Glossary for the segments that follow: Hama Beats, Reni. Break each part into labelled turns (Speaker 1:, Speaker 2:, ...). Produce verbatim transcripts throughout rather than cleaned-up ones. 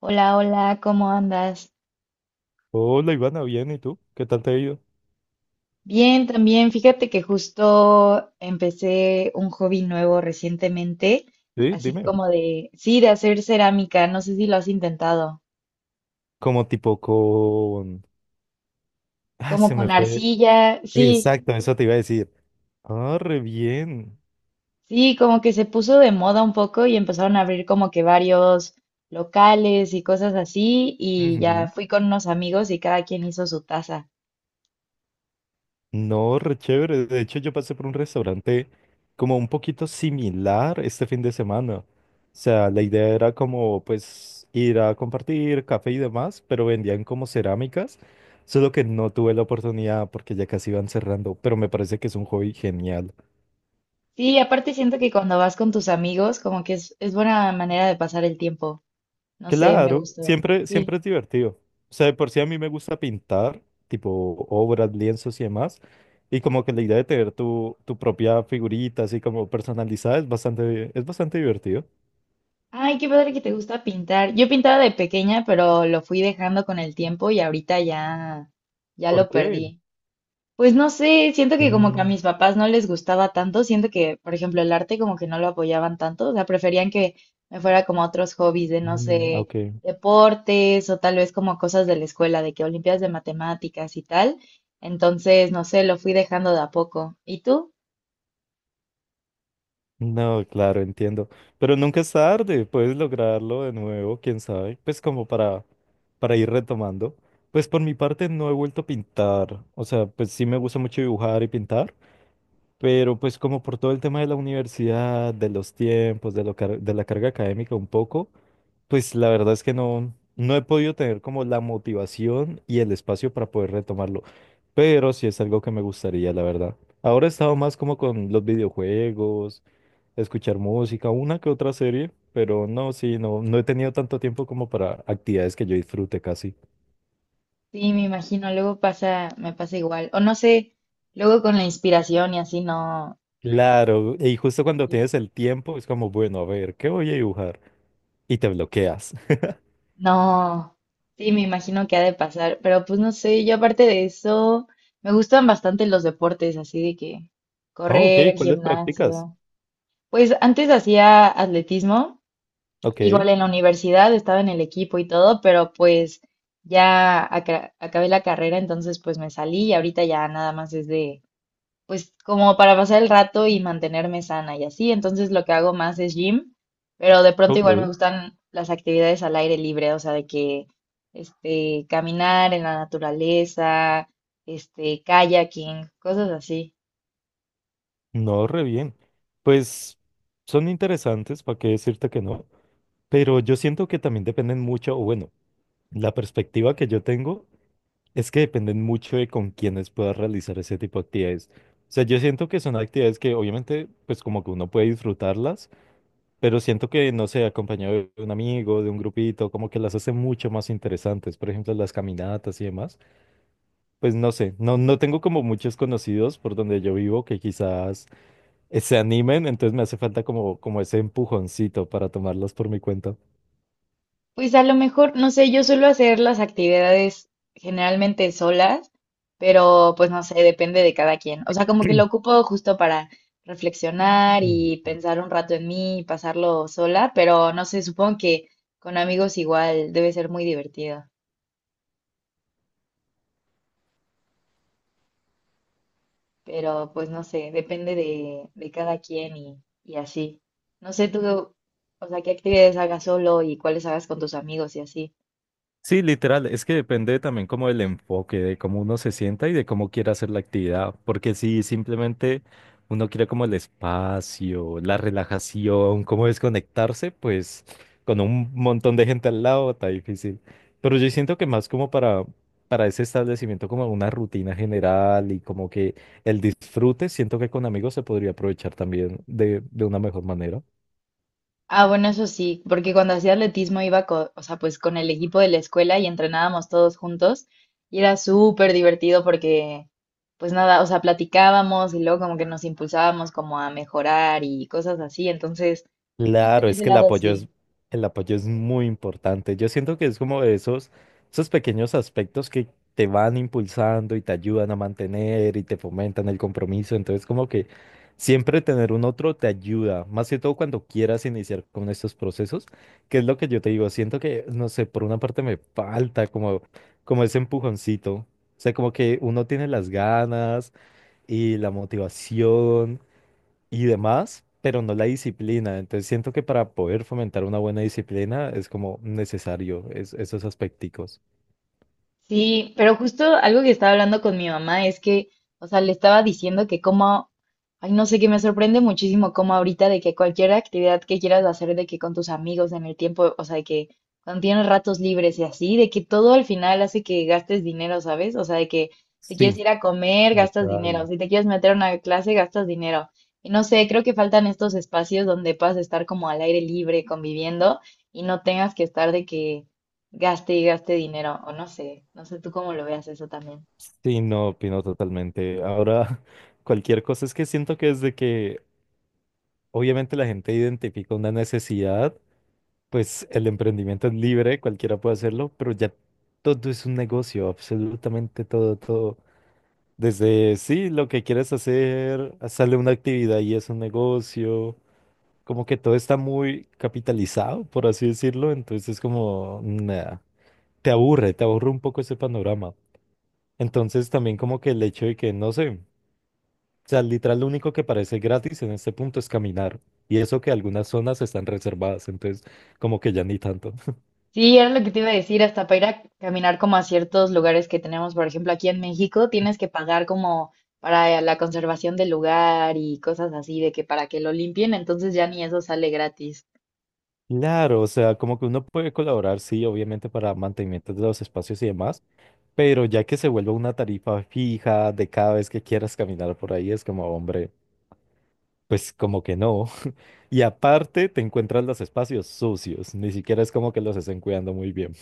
Speaker 1: Hola, hola, ¿cómo andas?
Speaker 2: Hola Ivana, bien, ¿y tú? ¿Qué tal te ha ido?
Speaker 1: Bien, también. Fíjate que justo empecé un hobby nuevo recientemente,
Speaker 2: Sí,
Speaker 1: así
Speaker 2: dime.
Speaker 1: como de, sí, de hacer cerámica. No sé si lo has intentado.
Speaker 2: Como tipo con... Ah,
Speaker 1: Como
Speaker 2: se
Speaker 1: con
Speaker 2: me fue.
Speaker 1: arcilla, sí,
Speaker 2: Exacto, eso te iba a decir. Ah, re bien.
Speaker 1: sí, como que se puso de moda un poco y empezaron a abrir como que varios locales y cosas así. Y ya
Speaker 2: Ujú.
Speaker 1: fui con unos amigos y cada quien hizo su taza.
Speaker 2: No, re chévere. De hecho, yo pasé por un restaurante como un poquito similar este fin de semana. O sea, la idea era como pues ir a compartir café y demás, pero vendían como cerámicas, solo que no tuve la oportunidad porque ya casi iban cerrando, pero me parece que es un hobby genial.
Speaker 1: Sí, aparte siento que cuando vas con tus amigos, como que es, es buena manera de pasar el tiempo. No sé, me
Speaker 2: Claro,
Speaker 1: gustó.
Speaker 2: siempre,
Speaker 1: Sí.
Speaker 2: siempre es divertido. O sea, de por sí a mí me gusta pintar, tipo obras, lienzos y demás. Y como que la idea de tener tu, tu propia figurita, así como personalizada, es bastante, es bastante divertido.
Speaker 1: Ay, qué padre que te gusta pintar. Yo pintaba de pequeña, pero lo fui dejando con el tiempo y ahorita ya, ya
Speaker 2: ¿Por
Speaker 1: lo
Speaker 2: qué?
Speaker 1: perdí. Pues no sé, siento que como que a
Speaker 2: Mm,
Speaker 1: mis papás no les gustaba tanto, siento que, por ejemplo, el arte como que no lo apoyaban tanto, o sea, preferían que me fuera como a otros hobbies de, no
Speaker 2: mm,
Speaker 1: sé,
Speaker 2: ok.
Speaker 1: deportes o tal vez como cosas de la escuela, de que olimpiadas de matemáticas y tal. Entonces, no sé, lo fui dejando de a poco. ¿Y tú?
Speaker 2: No, claro, entiendo. Pero nunca es tarde, puedes lograrlo de nuevo, quién sabe. Pues como para, para ir retomando. Pues por mi parte no he vuelto a pintar. O sea, pues sí me gusta mucho dibujar y pintar. Pero pues como por todo el tema de la universidad, de los tiempos, de, lo car- de la carga académica un poco, pues la verdad es que no, no he podido tener como la motivación y el espacio para poder retomarlo. Pero sí es algo que me gustaría, la verdad. Ahora he estado más como con los videojuegos, escuchar música, una que otra serie, pero no, sí, no, no he tenido tanto tiempo como para actividades que yo disfrute casi.
Speaker 1: Sí, me imagino, luego pasa, me pasa igual. O no sé, luego con la inspiración y así no,
Speaker 2: Claro, y justo cuando
Speaker 1: sí.
Speaker 2: tienes el tiempo es como, bueno, a ver, ¿qué voy a dibujar? Y te bloqueas.
Speaker 1: No, sí, me imagino que ha de pasar, pero pues no sé, yo aparte de eso, me gustan bastante los deportes, así de que
Speaker 2: Ah, ok,
Speaker 1: correr,
Speaker 2: ¿cuáles practicas?
Speaker 1: gimnasio. Pues antes hacía atletismo,
Speaker 2: Ok,
Speaker 1: igual en la universidad estaba en el equipo y todo, pero pues ya aca- acabé la carrera, entonces pues me salí y ahorita ya nada más es de pues como para pasar el rato y mantenerme sana y así. Entonces lo que hago más es gym, pero de pronto
Speaker 2: ok,
Speaker 1: igual me gustan las actividades al aire libre, o sea, de que este, caminar en la naturaleza, este, kayaking, cosas así.
Speaker 2: no, re bien. Pues son interesantes, ¿para qué decirte que no? Pero yo siento que también dependen mucho, o bueno, la perspectiva que yo tengo es que dependen mucho de con quienes puedas realizar ese tipo de actividades. O sea, yo siento que son actividades que obviamente, pues como que uno puede disfrutarlas, pero siento que, no sé, acompañado de un amigo, de un grupito, como que las hace mucho más interesantes. Por ejemplo, las caminatas y demás. Pues no sé, no, no tengo como muchos conocidos por donde yo vivo que quizás eh, se animen, entonces me hace falta como, como ese empujoncito para tomarlos por mi cuenta.
Speaker 1: Pues a lo mejor, no sé, yo suelo hacer las actividades generalmente solas, pero pues no sé, depende de cada quien. O sea, como que lo ocupo justo para reflexionar y pensar un rato en mí y pasarlo sola, pero no sé, supongo que con amigos igual debe ser muy divertido, pero pues no sé, depende de, de cada quien y, y así. No sé tú, o sea, qué actividades hagas solo y cuáles hagas con tus amigos y así.
Speaker 2: Sí, literal, es que depende también como del enfoque, de cómo uno se sienta y de cómo quiera hacer la actividad, porque si simplemente uno quiere como el espacio, la relajación, cómo desconectarse, pues con un montón de gente al lado está difícil. Pero yo siento que más como para, para ese establecimiento, como una rutina general y como que el disfrute, siento que con amigos se podría aprovechar también de, de una mejor manera.
Speaker 1: Ah, bueno, eso sí, porque cuando hacía atletismo iba co- o sea, pues con el equipo de la escuela y entrenábamos todos juntos y era súper divertido porque, pues nada, o sea, platicábamos y luego como que nos impulsábamos como a mejorar y cosas así, entonces, chance
Speaker 2: Claro,
Speaker 1: en
Speaker 2: es
Speaker 1: ese
Speaker 2: que el
Speaker 1: lado
Speaker 2: apoyo es,
Speaker 1: sí.
Speaker 2: el apoyo es muy importante. Yo siento que es como de esos, esos pequeños aspectos que te van impulsando y te ayudan a mantener y te fomentan el compromiso. Entonces, como que siempre tener un otro te ayuda, más que todo cuando quieras iniciar con estos procesos, que es lo que yo te digo. Siento que, no sé, por una parte me falta como, como ese empujoncito. O sea, como que uno tiene las ganas y la motivación y demás, pero no la disciplina. Entonces siento que para poder fomentar una buena disciplina es como necesario es- esos aspecticos.
Speaker 1: Sí, pero justo algo que estaba hablando con mi mamá es que, o sea, le estaba diciendo que como, ay, no sé, que me sorprende muchísimo como ahorita de que cualquier actividad que quieras hacer, de que con tus amigos en el tiempo, o sea, de que cuando tienes ratos libres y así, de que todo al final hace que gastes dinero, ¿sabes? O sea, de que si quieres
Speaker 2: Sí,
Speaker 1: ir a comer, gastas dinero,
Speaker 2: total,
Speaker 1: si te quieres meter a una clase, gastas dinero. Y no sé, creo que faltan estos espacios donde puedas estar como al aire libre, conviviendo y no tengas que estar de que gaste y gaste dinero, o no sé, no sé tú cómo lo veas eso también.
Speaker 2: sí, no opino totalmente. Ahora, cualquier cosa es que siento que desde que obviamente la gente identifica una necesidad, pues el emprendimiento es libre, cualquiera puede hacerlo, pero ya todo es un negocio, absolutamente todo, todo. Desde, sí, lo que quieres hacer, sale una actividad y es un negocio. Como que todo está muy capitalizado, por así decirlo, entonces como nada, te aburre, te aburre un poco ese panorama. Entonces también como que el hecho de que, no sé, o sea, literal lo único que parece gratis en este punto es caminar, y eso que algunas zonas están reservadas, entonces como que ya ni tanto.
Speaker 1: Sí, era lo que te iba a decir, hasta para ir a caminar como a ciertos lugares que tenemos, por ejemplo, aquí en México, tienes que pagar como para la conservación del lugar y cosas así, de que para que lo limpien, entonces ya ni eso sale gratis.
Speaker 2: Claro, o sea, como que uno puede colaborar, sí, obviamente para mantenimiento de los espacios y demás, pero ya que se vuelva una tarifa fija de cada vez que quieras caminar por ahí, es como, hombre. Pues como que no. Y aparte te encuentras los espacios sucios, ni siquiera es como que los estén cuidando muy bien.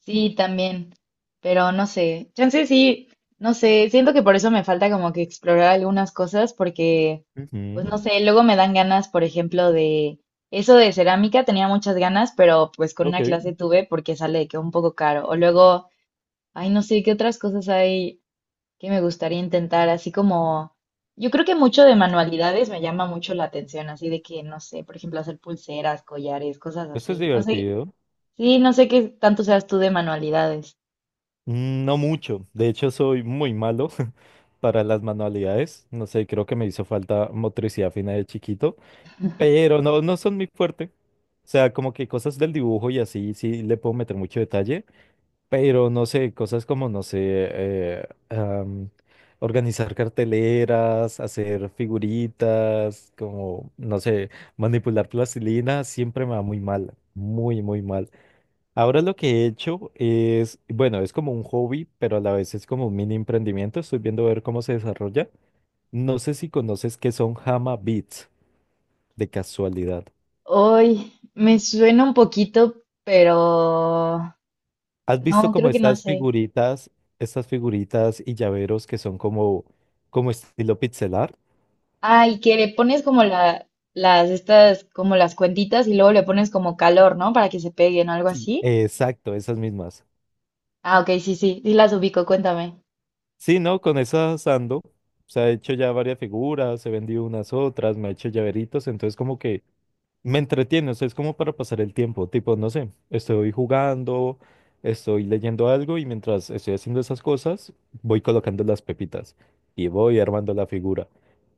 Speaker 1: Sí, también, pero no sé, chance sí, no sé, siento que por eso me falta como que explorar algunas cosas porque, pues
Speaker 2: Ujú.
Speaker 1: no sé, luego me dan ganas, por ejemplo, de eso de cerámica, tenía muchas ganas, pero pues con
Speaker 2: Ok,
Speaker 1: una clase tuve porque sale de que un poco caro. O luego, ay, no sé, qué otras cosas hay que me gustaría intentar, así como, yo creo que mucho de manualidades me llama mucho la atención, así de que, no sé, por ejemplo, hacer pulseras, collares, cosas
Speaker 2: esto es
Speaker 1: así. No sé,
Speaker 2: divertido.
Speaker 1: sí, no sé qué tanto seas tú de manualidades.
Speaker 2: Mm, no mucho, de hecho soy muy malo para las manualidades, no sé, creo que me hizo falta motricidad fina de chiquito, pero no, no son muy fuerte. O sea, como que cosas del dibujo y así, sí le puedo meter mucho detalle, pero no sé, cosas como, no sé, eh, am, organizar carteleras, hacer figuritas, como, no sé, manipular plastilina, siempre me va muy mal, muy, muy mal. Ahora lo que he hecho es, bueno, es como un hobby, pero a la vez es como un mini emprendimiento. Estoy viendo a ver cómo se desarrolla. No sé si conoces que son Hama Beats, de casualidad.
Speaker 1: Hoy me suena un poquito, pero
Speaker 2: ¿Has visto
Speaker 1: no,
Speaker 2: como
Speaker 1: creo que no
Speaker 2: estas
Speaker 1: sé.
Speaker 2: figuritas, estas figuritas y llaveros que son como, como estilo pixelar?
Speaker 1: Ah, y que le pones como la, las, estas, como las cuentitas y luego le pones como calor, ¿no? Para que se peguen o algo así.
Speaker 2: Exacto, esas mismas.
Speaker 1: Ah, ok, sí, sí, sí las ubico, cuéntame.
Speaker 2: Sí, ¿no? Con esas ando. Se ha hecho ya varias figuras, he vendido unas otras, me ha hecho llaveritos, entonces como que me entretiene, o sea, es como para pasar el tiempo, tipo, no sé, estoy jugando, estoy leyendo algo y mientras estoy haciendo esas cosas, voy colocando las pepitas y voy armando la figura.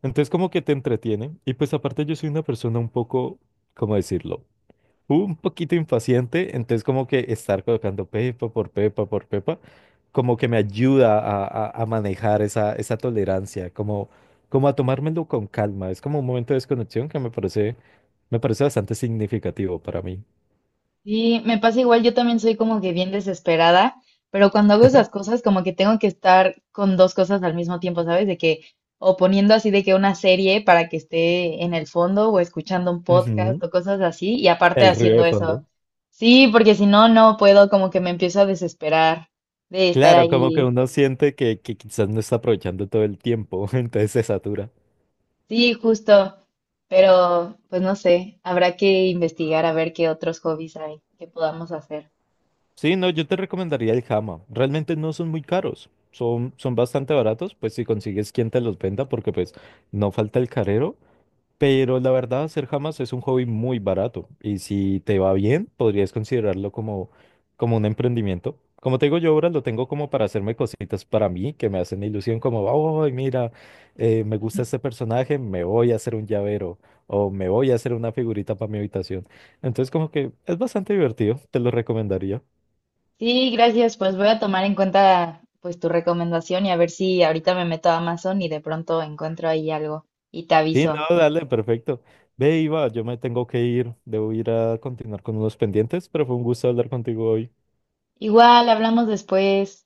Speaker 2: Entonces como que te entretiene y pues aparte yo soy una persona un poco, ¿cómo decirlo? Un poquito impaciente, entonces como que estar colocando pepa por pepa por pepa, como que me ayuda a, a- a manejar esa, esa tolerancia, como, como a tomármelo con calma. Es como un momento de desconexión que me parece, me parece bastante significativo para mí.
Speaker 1: Sí, me pasa igual, yo también soy como que bien desesperada, pero cuando hago esas cosas como que tengo que estar con dos cosas al mismo tiempo, ¿sabes? De que o poniendo así de que una serie para que esté en el fondo o escuchando un podcast
Speaker 2: Ujú.
Speaker 1: o cosas así y aparte
Speaker 2: El ruido
Speaker 1: haciendo
Speaker 2: de fondo.
Speaker 1: eso. Sí, porque si no, no puedo, como que me empiezo a desesperar de estar
Speaker 2: Claro, como que
Speaker 1: allí.
Speaker 2: uno siente que, que quizás no está aprovechando todo el tiempo, entonces se satura.
Speaker 1: Sí, justo, pero pues no sé, habrá que investigar a ver qué otros hobbies hay que podamos hacer.
Speaker 2: Sí, no, yo te recomendaría el Hama. Realmente no son muy caros. Son, son bastante baratos, pues si consigues quien te los venda, porque pues no falta el carero. Pero la verdad, hacer Hamas es un hobby muy barato. Y si te va bien, podrías considerarlo como, como un emprendimiento. Como te digo, yo ahora lo tengo como para hacerme cositas para mí, que me hacen ilusión, como, oh, mira, eh, me gusta este personaje, me voy a hacer un llavero o me voy a hacer una figurita para mi habitación. Entonces, como que es bastante divertido, te lo recomendaría.
Speaker 1: Sí, gracias. Pues voy a tomar en cuenta pues tu recomendación y a ver si ahorita me meto a Amazon y de pronto encuentro ahí algo y te
Speaker 2: Sí,
Speaker 1: aviso.
Speaker 2: no, dale, perfecto. Ve, Iva, yo me tengo que ir, debo ir a continuar con unos pendientes, pero fue un gusto hablar contigo hoy.
Speaker 1: Igual, hablamos después.